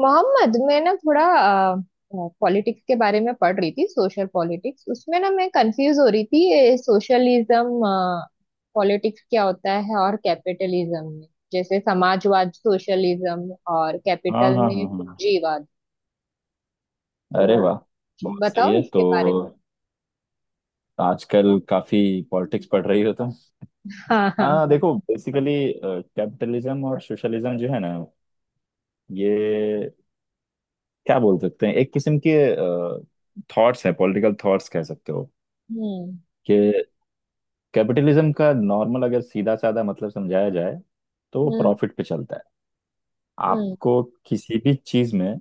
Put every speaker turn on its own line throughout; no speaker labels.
मोहम्मद, मैं ना थोड़ा पॉलिटिक्स के बारे में पढ़ रही थी। सोशल पॉलिटिक्स उसमें ना मैं कंफ्यूज हो रही थी। सोशलिज्म पॉलिटिक्स क्या होता है और कैपिटलिज्म में, जैसे समाजवाद सोशलिज्म और
हाँ
कैपिटल
हाँ
में
हाँ हाँ।
पूंजीवाद।
अरे
तो
वाह, बहुत सही
बताओ
है।
इसके
तो
बारे में।
आजकल काफी पॉलिटिक्स पढ़ रही हो तुम।
हाँ हाँ
हाँ,
हाँ।
देखो बेसिकली कैपिटलिज्म और सोशलिज्म जो है ना, ये क्या बोल सकते हैं, एक किस्म के थॉट्स है, पॉलिटिकल थॉट्स कह सकते हो।
हम्म।
कि कैपिटलिज्म का नॉर्मल अगर सीधा साधा मतलब समझाया जाए तो वो
हम्म।
प्रॉफिट पे चलता है।
हम्म।
आपको किसी भी चीज में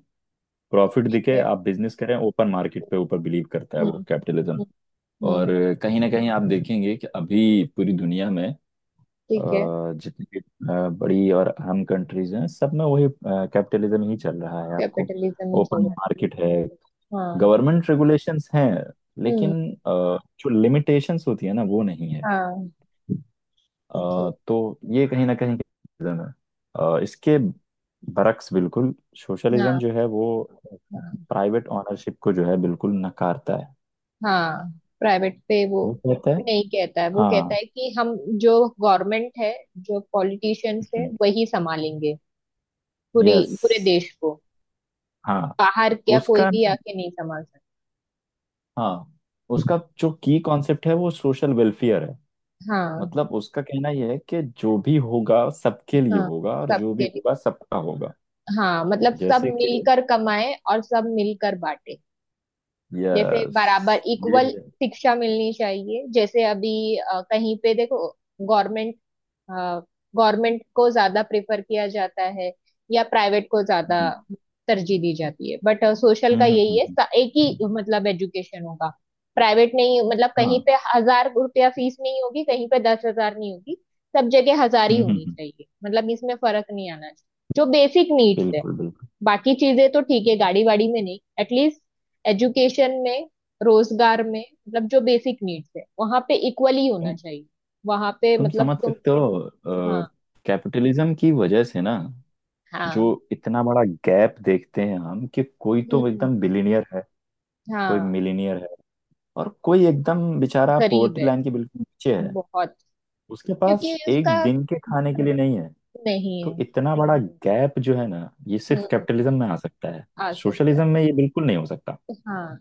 प्रॉफिट
ठीक
दिखे,
है।
आप बिजनेस करें, ओपन मार्केट पे ऊपर बिलीव करता है
हम्म।
वो कैपिटलिज्म।
हम्म।
और
हम्म।
कहीं ना कहीं आप देखेंगे कि अभी पूरी दुनिया में
ठीक है।
जितनी भी बड़ी और अहम कंट्रीज हैं, सब में वही कैपिटलिज्म ही चल रहा है आपको।
कैपिटलिज्म ही
ओपन
चल रहा
मार्केट है,
है। हाँ।
गवर्नमेंट रेगुलेशंस हैं,
हम्म।
लेकिन जो लिमिटेशंस होती है ना वो नहीं है।
हाँ। ओके।
तो ये कहीं ना कहीं capitalism है। इसके बरक्स बिल्कुल सोशलिज्म
हाँ।
जो है, वो
हाँ।
प्राइवेट ओनरशिप को जो है बिल्कुल नकारता है।
हाँ। प्राइवेट पे वो
वो कहता है
नहीं कहता है। वो कहता
हाँ।
है कि हम, जो गवर्नमेंट है, जो पॉलिटिशियंस है, वही संभालेंगे पूरी
यस।
पूरे देश को।
हाँ।
बाहर क्या कोई
उसका
भी
न-
आके नहीं संभाल सकता।
हाँ, उसका जो की कॉन्सेप्ट है वो सोशल वेलफेयर है।
हाँ।
मतलब उसका कहना यह है कि जो भी होगा सबके लिए
हाँ।
होगा और जो भी
सबके लिए।
होगा सबका होगा।
हाँ, मतलब सब
जैसे कि
मिलकर कमाए और सब मिलकर बांटे। जैसे
यस,
बराबर इक्वल
ये
शिक्षा मिलनी चाहिए। जैसे अभी कहीं पे देखो, गवर्नमेंट गवर्नमेंट को ज्यादा प्रेफर किया जाता है या प्राइवेट को ज्यादा
हम्म
तरजीह दी जाती है। बट सोशल का
हम्म,
यही है, एक ही मतलब एजुकेशन होगा, प्राइवेट नहीं। मतलब कहीं
हाँ,
पे 1,000 रुपया फीस नहीं होगी, कहीं पे 10,000 नहीं होगी, सब जगह 1,000 ही
हम्म हम्म
होनी
हम्म,
चाहिए। मतलब इसमें फर्क नहीं आना चाहिए, जो बेसिक नीड्स है।
बिल्कुल बिल्कुल।
बाकी चीजें तो ठीक है, गाड़ी वाड़ी में नहीं, एटलीस्ट एजुकेशन में, रोजगार में, मतलब जो बेसिक नीड्स है वहां पे इक्वली होना
तुम
चाहिए। वहां पे,
तुम
मतलब
समझ
तुम,
सकते हो,
हाँ।
कैपिटलिज्म की वजह से ना जो
हाँ।
इतना बड़ा गैप देखते हैं हम, कि कोई तो
हम्म।
एकदम बिलीनियर है, कोई
हाँ।
मिलीनियर है, और कोई एकदम बेचारा
गरीब
पोवर्टी
है,
लाइन के बिल्कुल नीचे है।
बहुत।
उसके पास
क्योंकि उसका,
एक दिन के खाने के लिए नहीं है।
नहीं
तो
है।
इतना बड़ा गैप जो है ना, ये सिर्फ
हम्म।
कैपिटलिज्म में आ सकता है।
आ सकता है।
सोशलिज्म में ये बिल्कुल नहीं हो सकता।
तो हाँ।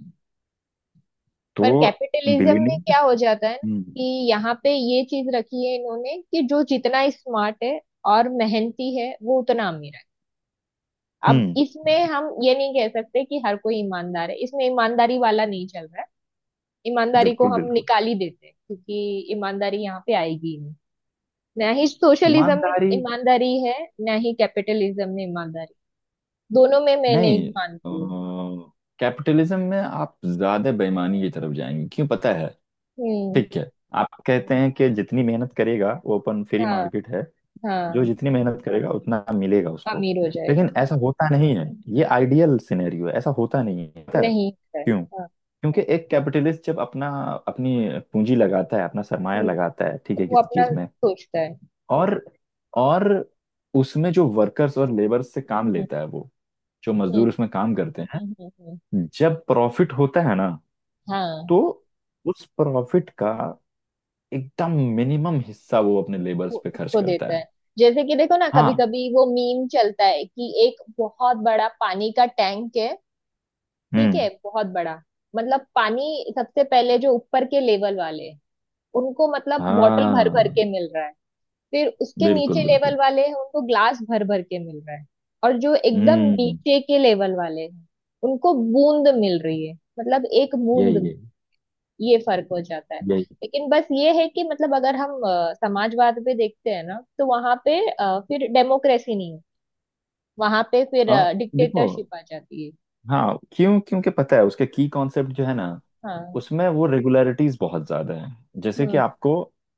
तो
पर कैपिटलिज्म में
बिलीनियर
क्या हो जाता है ना,
हम्म
कि यहाँ पे ये चीज रखी है इन्होंने कि जो जितना स्मार्ट है और मेहनती है वो उतना अमीर है। अब
हम्म,
इसमें हम ये नहीं कह सकते कि हर कोई ईमानदार है। इसमें ईमानदारी वाला नहीं चल रहा है। ईमानदारी को
बिल्कुल
हम
बिल्कुल
निकाल ही देते हैं, क्योंकि ईमानदारी यहाँ पे आएगी, ना ही सोशलिज्म में
ईमानदारी।
ईमानदारी है ना ही कैपिटलिज्म में ईमानदारी। दोनों में मैं नहीं
नहीं,
मानती हूँ।
कैपिटलिज्म में आप ज्यादा बेईमानी की तरफ जाएंगे, क्यों पता है?
हम्म।
ठीक है, आप कहते हैं कि जितनी मेहनत करेगा वो अपन फ्री
हाँ।
मार्केट है। जो
हाँ।
जितनी मेहनत करेगा उतना मिलेगा उसको।
अमीर हो जाएगा,
लेकिन ऐसा
हाँ।
होता नहीं है। ये आइडियल सिनेरियो है, ऐसा होता
हम्म,
नहीं है। पता है
नहीं होता है।
क्यों?
हाँ।
क्योंकि एक कैपिटलिस्ट जब अपना अपनी पूंजी लगाता है, अपना सरमाया
हम्म।
लगाता है ठीक
तो
है
वो
किसी
अपना
चीज में,
सोचता है।
और और उसमें जो वर्कर्स और लेबर से
हम्म।
काम
हम्म।
लेता है, वो जो
हम्म।
मजदूर उसमें काम करते
हम्म। हम्म। हम्म।
हैं, जब प्रॉफिट होता है ना,
हाँ,
तो उस प्रॉफिट का एकदम मिनिमम हिस्सा वो अपने लेबर्स
वो
पे खर्च
उसको
करता
देता
है।
है। जैसे कि देखो ना, कभी
हाँ,
कभी वो मीम चलता है कि एक बहुत बड़ा पानी का टैंक है, ठीक
हम्म,
है, बहुत बड़ा। मतलब पानी सबसे पहले जो ऊपर के लेवल वाले, उनको मतलब बॉटल भर भर
हाँ,
के मिल रहा है। फिर उसके नीचे
बिल्कुल बिल्कुल,
लेवल वाले हैं, उनको ग्लास भर भर के मिल रहा है। और जो एकदम
हम्म,
नीचे के लेवल वाले हैं, उनको बूंद मिल रही है, मतलब एक बूंद
यही
में
यही
ये फर्क हो जाता है।
यही
लेकिन बस ये है कि मतलब अगर हम समाजवाद पे देखते हैं ना, तो वहां पे फिर डेमोक्रेसी नहीं है, वहां पे फिर
और देखो,
डिक्टेटरशिप आ जाती है।
हाँ, क्यों क्योंकि पता है उसका की कॉन्सेप्ट जो है ना,
हाँ।
उसमें वो रेगुलरिटीज बहुत ज्यादा है। जैसे कि
हम्म।
आपको अ,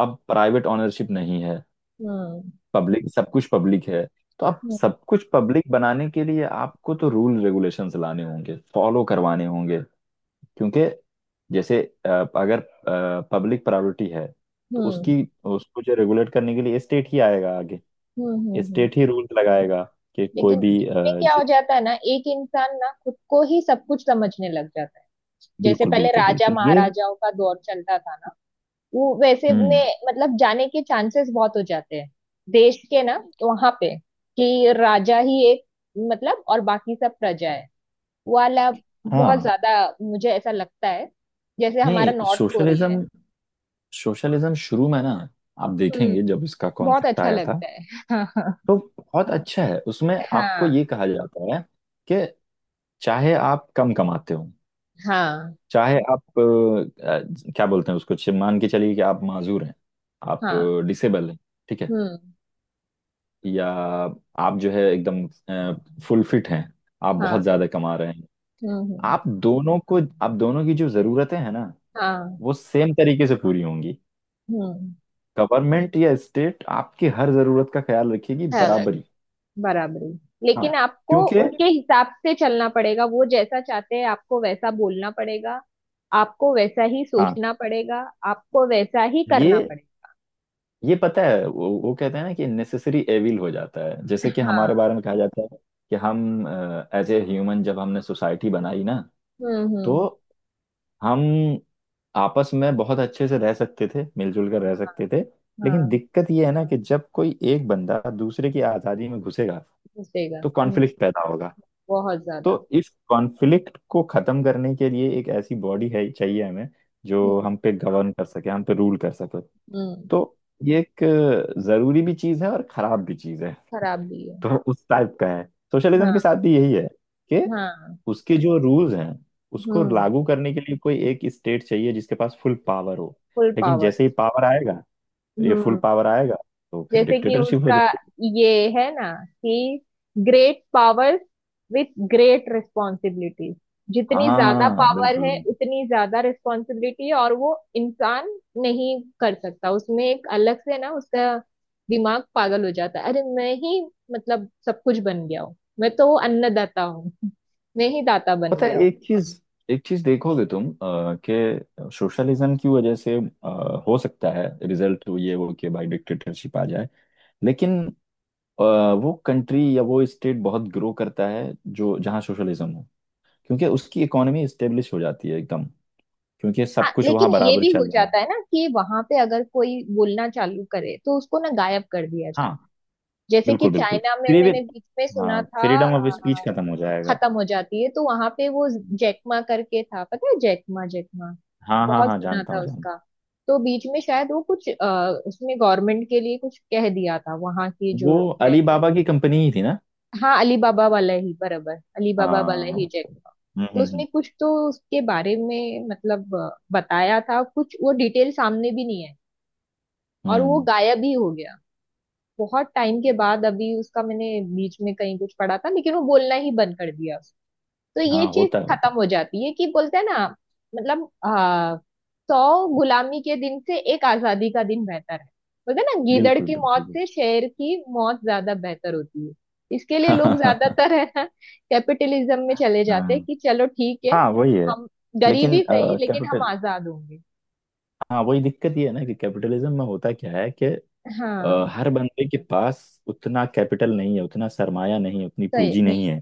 अब प्राइवेट ओनरशिप नहीं है,
हम्म।
पब्लिक, सब कुछ पब्लिक है। तो अब
हम्म।
सब कुछ पब्लिक बनाने के लिए आपको तो रूल रेगुलेशंस लाने होंगे, फॉलो करवाने होंगे। क्योंकि जैसे अ, अगर पब्लिक प्रायोरिटी है, तो
हम्म। हम्म।
उसकी उसको जो रेगुलेट करने के लिए स्टेट ही आएगा आगे।
हम्म। हम्म। हम्म।
स्टेट ही रूल लगाएगा कि कोई
लेकिन
भी
इसमें क्या हो
जो-
जाता है ना, एक इंसान ना खुद को ही सब कुछ समझने लग जाता है। जैसे
बिल्कुल
पहले
बिल्कुल
राजा
बिल्कुल ये,
महाराजाओं का दौर चलता था ना, वो वैसे
हम्म,
में मतलब जाने के चांसेस बहुत हो जाते हैं देश के ना। वहां पे कि राजा ही एक, मतलब और बाकी सब प्रजा है वाला, बहुत
हाँ,
ज्यादा। मुझे ऐसा लगता है जैसे हमारा
नहीं
नॉर्थ कोरिया है।
सोशलिज्म, सोशलिज्म शुरू में ना, आप
हम्म।
देखेंगे जब इसका
बहुत
कॉन्सेप्ट
अच्छा
आया था,
लगता है।
तो बहुत अच्छा है। उसमें आपको
हाँ।
ये कहा जाता है कि चाहे आप कम कमाते हो,
हाँ।
चाहे आप क्या बोलते हैं उसको, मान के चलिए कि आप माजूर हैं, आप
हाँ। हाँ। हाँ।
डिसेबल हैं ठीक है,
हम्म।
या आप जो है एकदम फुल फिट हैं, आप
हाँ।
बहुत ज्यादा कमा रहे हैं,
हम्म। हम्म।
आप दोनों को, आप दोनों की जो जरूरतें हैं ना,
हाँ।
वो सेम तरीके से पूरी होंगी।
हम्म।
गवर्नमेंट या स्टेट आपकी हर जरूरत का ख्याल रखेगी,
सैलड,
बराबरी।
बराबरी।
हाँ
लेकिन
हाँ।
आपको
क्योंकि
उनके हिसाब से चलना पड़ेगा, वो जैसा चाहते हैं आपको वैसा बोलना पड़ेगा, आपको वैसा ही
हाँ
सोचना पड़ेगा, आपको वैसा ही करना
ये
पड़ेगा।
ये पता है वो कहते हैं ना कि नेसेसरी एविल हो जाता है, जैसे कि
हाँ।
हमारे बारे में कहा जाता है कि हम एज ए ह्यूमन जब हमने सोसाइटी बनाई ना,
हम्म।
तो
हम्म।
हम आपस में बहुत अच्छे से रह सकते थे, मिलजुल कर रह सकते थे। लेकिन
हाँ,
दिक्कत ये है ना कि जब कोई एक बंदा दूसरे की आज़ादी में घुसेगा,
घुसेगा।
तो
हम्म।
कॉन्फ्लिक्ट पैदा होगा।
बहुत
तो
ज्यादा।
इस कॉन्फ्लिक्ट को खत्म करने के लिए एक ऐसी बॉडी है चाहिए हमें, जो
हम्म।
हम पे गवर्न कर सके, हम पे रूल कर सके।
हम्म।
तो ये एक जरूरी भी चीज है और खराब भी चीज है।
खराब भी है।
तो उस टाइप का है। सोशलिज्म के
हाँ।
साथ भी यही है कि
हाँ।
उसके जो रूल्स हैं, उसको
हम्म।
लागू करने के लिए कोई एक स्टेट चाहिए जिसके पास फुल पावर हो।
फुल
लेकिन
पावर।
जैसे ही पावर आएगा, ये फुल
हम्म।
पावर आएगा, तो फिर
जैसे कि
डिक्टेटरशिप हो
उसका
जाएगी।
ये है ना, कि great powers with great responsibilities,
हाँ
जितनी ज्यादा
हाँ, हाँ,
पावर है
बिल्कुल।
उतनी ज्यादा रिस्पॉन्सिबिलिटी और वो इंसान नहीं कर सकता। उसमें एक अलग से ना, उसका दिमाग पागल हो जाता है, अरे मैं ही, मतलब सब कुछ बन गया हूँ, मैं तो अन्नदाता हूँ। मैं ही दाता बन
पता
गया
है
हूँ।
एक चीज, एक चीज देखोगे तुम कि सोशलिज्म की वजह से हो सकता है रिजल्ट ये हो कि भाई डिक्टेटरशिप आ जाए। लेकिन अ, वो कंट्री या वो स्टेट बहुत ग्रो करता है जो जहाँ सोशलिज्म हो, क्योंकि उसकी इकोनॉमी स्टेब्लिश हो जाती है एकदम, क्योंकि
हाँ,
सब कुछ
लेकिन
वहाँ
ये
बराबर
भी हो
चल रहा
जाता
है।
है ना कि वहां पे अगर कोई बोलना चालू करे तो उसको ना गायब कर दिया जाता
हाँ,
है। जैसे कि
बिल्कुल बिल्कुल
चाइना में
फ्री
मैंने बीच में सुना
हाँ
था,
फ्रीडम ऑफ स्पीच खत्म हो जाएगा।
खत्म हो जाती है तो वहां पे वो जैकमा करके था, पता है, जैकमा जैकमा,
हाँ हाँ
बहुत
हाँ
सुना
जानता
था
हूँ,
उसका।
जानता
तो बीच में शायद वो कुछ, उसने गवर्नमेंट के लिए कुछ कह दिया था वहां की
हूँ।
जो
वो
है।
अली बाबा की कंपनी ही थी ना।
हाँ, अली बाबा वाला ही, बराबर, अली बाबा वाला
हाँ
ही जैकमा। तो
हम्म हम्म
उसने कुछ तो उसके बारे में मतलब, बताया था, कुछ वो डिटेल सामने भी नहीं है। और वो
हम्म।
गायब ही हो गया। बहुत टाइम के बाद अभी उसका मैंने बीच में कहीं कुछ पढ़ा था, लेकिन वो बोलना ही बंद कर दिया उसने। तो ये
हाँ
चीज
होता है, होता
खत्म हो जाती है कि बोलते हैं ना, मतलब 100 गुलामी के दिन से एक आजादी का दिन बेहतर है। बोलते हैं ना,
है,
गीदड़
बिल्कुल
की मौत
बिल्कुल बिल्कुल।
से शेर की मौत ज्यादा बेहतर होती है। इसके लिए लोग ज्यादातर है ना कैपिटलिज्म में चले जाते हैं
हम्म,
कि चलो ठीक है,
हाँ वही है।
हम
लेकिन
गरीबी सही लेकिन हम
कैपिटल
आजाद होंगे।
हाँ वही दिक्कत ये है ना कि कैपिटलिज्म में होता क्या है कि
हाँ।
हर बंदे के पास उतना कैपिटल नहीं है, उतना सरमाया नहीं है, उतनी
सही
पूंजी नहीं
नहीं,
है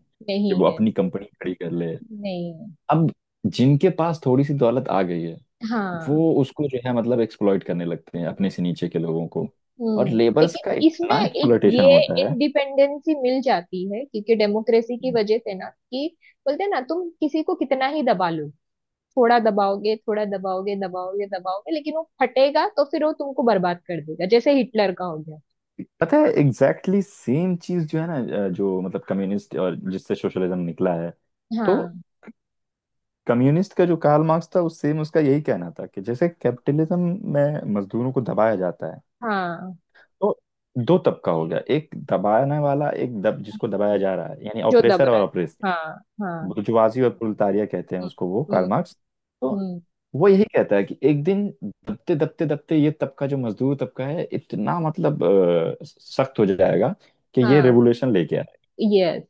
कि वो
नहीं है।
अपनी कंपनी खड़ी कर ले।
नहीं है।
अब जिनके पास थोड़ी सी दौलत आ गई है,
हाँ।
वो उसको जो है मतलब एक्सप्लॉइट करने लगते हैं अपने से नीचे के लोगों को। और
हम्म।
लेबर्स
लेकिन
का
इसमें
इतना
एक
एक्सप्लॉइटेशन
ये
होता
इंडिपेंडेंसी मिल जाती है क्योंकि डेमोक्रेसी की
है।
वजह से ना, कि बोलते हैं ना, तुम किसी को कितना ही दबा लो, थोड़ा दबाओगे दबाओगे दबाओगे, लेकिन वो फटेगा तो फिर वो तुमको बर्बाद कर देगा, जैसे हिटलर का हो गया।
पता है एग्जैक्टली exactly सेम चीज जो है ना, जो मतलब कम्युनिस्ट और जिससे सोशलिज्म निकला है, तो
हाँ।
कम्युनिस्ट का जो कार्ल मार्क्स था, उस सेम उसका यही कहना था कि जैसे कैपिटलिज्म में मजदूरों को दबाया जाता है,
हाँ,
तो दो तबका हो गया, एक दबाने वाला, एक दब जिसको दबाया जा रहा है, यानी
जो दब
ऑपरेसर
रहा
और
है।
ऑपरेस,
हाँ। हाँ।
बुर्जुआजी और प्रोलेटारिया कहते हैं
हम्म।
उसको वो
हम्म।
Karl Marx. तो
हम्म।
वो यही कहता है कि एक दिन दबते दबते दबते ये तबका जो मजदूर तबका है इतना मतलब सख्त हो जाएगा कि ये
हाँ।
रेवोल्यूशन लेके,
यस,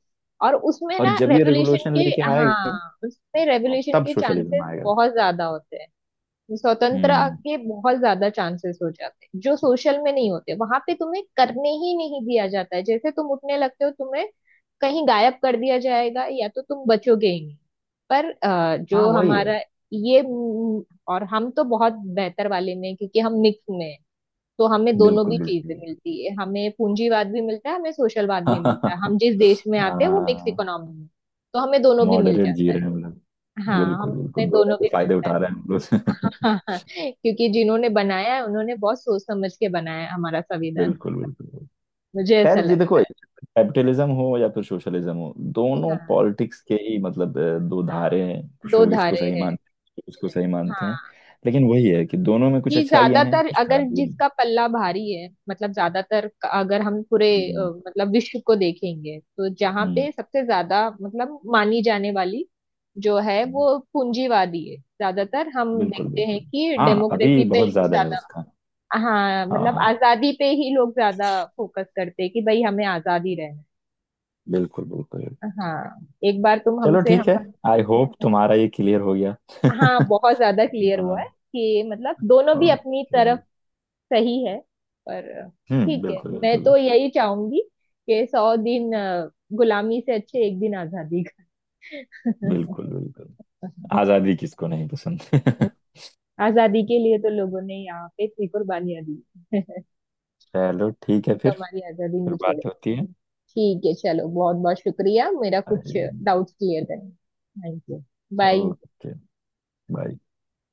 और उसमें ना
और जब ये
रेवोल्यूशन
रेवोल्यूशन
के,
लेके आएगा
हाँ उसमें रेवोल्यूशन
तब
के
सोशलिज्म
चांसेस
आएगा।
बहुत ज्यादा होते हैं। स्वतंत्रता
हम्म,
के बहुत ज्यादा चांसेस हो जाते हैं, जो सोशल में नहीं होते। वहां पे तुम्हें करने ही नहीं दिया जाता है, जैसे तुम उठने लगते हो तुम्हें कहीं गायब कर दिया जाएगा, या तो तुम बचोगे ही नहीं। पर
हाँ
जो
वही है,
हमारा ये म, और हम तो बहुत बेहतर वाले में हैं, क्योंकि हम मिक्स में हैं। तो हमें दोनों भी
बिल्कुल
चीजें
बिल्कुल,
मिलती है, हमें पूंजीवाद भी मिलता है हमें सोशलवाद भी मिलता है। हम जिस देश में आते हैं वो मिक्स
हाँ,
इकोनॉमी में, तो हमें दोनों भी मिल
मॉडरेट जी
जाता है।
रहे हैं हम लोग,
हाँ,
बिल्कुल बिल्कुल,
हमें
दोनों
दोनों
के
भी
फायदे
मिलता है।
उठा रहे हैं हम लोग।
हाँ हाँ, क्योंकि जिन्होंने बनाया है उन्होंने बहुत सोच समझ के बनाया है हमारा संविधान।
बिल्कुल बिल्कुल।
मुझे ऐसा
खैर ये देखो
लगता है।
कैपिटलिज्म हो या फिर सोशलिज्म हो, दोनों
हाँ,
पॉलिटिक्स के ही मतलब दो धारे हैं। कुछ
दो
लोग इसको
धारे
सही
हैं।
मानते हैं, कुछ लोग इसको सही मानते हैं।
हाँ,
लेकिन वही है कि दोनों में कुछ
कि
अच्छाइयाँ हैं,
ज्यादातर
कुछ
अगर
खराबियाँ हैं।
जिसका पल्ला भारी है, मतलब ज्यादातर अगर हम पूरे,
हम्म
मतलब विश्व को देखेंगे, तो जहाँ
हम्म
पे सबसे ज्यादा मतलब मानी जाने वाली जो है वो
हम्म।
पूंजीवादी है। ज्यादातर हम
बिल्कुल
देखते हैं
बिल्कुल।
कि
हाँ अभी
डेमोक्रेसी पे
बहुत ज्यादा है
ज्यादा,
उसका।
हाँ
हाँ
मतलब
हाँ
आजादी पे ही लोग ज्यादा फोकस करते हैं कि भाई हमें आजादी रहे।
बिल्कुल बिल्कुल।
हाँ। एक बार तुम
चलो
हमसे,
ठीक
हम,
है, आई होप तुम्हारा ये क्लियर हो गया।
हाँ बहुत ज्यादा क्लियर
हाँ,
हुआ है कि मतलब दोनों भी अपनी
ओके,
तरफ सही है। पर
हम्म,
ठीक है,
बिल्कुल
मैं
बिल्कुल
तो यही चाहूंगी कि 100 दिन गुलामी से अच्छे एक दिन आजादी का।
बिल्कुल बिल्कुल। आजादी किसको नहीं पसंद?
आजादी के लिए तो लोगों ने यहाँ पे इतनी कुर्बानियां दी,
चलो ठीक है
तो
फिर
हमारी आजादी
फिर
नहीं छोड़े।
बात होती है।
ठीक है चलो, बहुत बहुत शुक्रिया मेरा कुछ
अरे,
डाउट्स क्लियर करने। Thank you. Bye.
Okay, bye.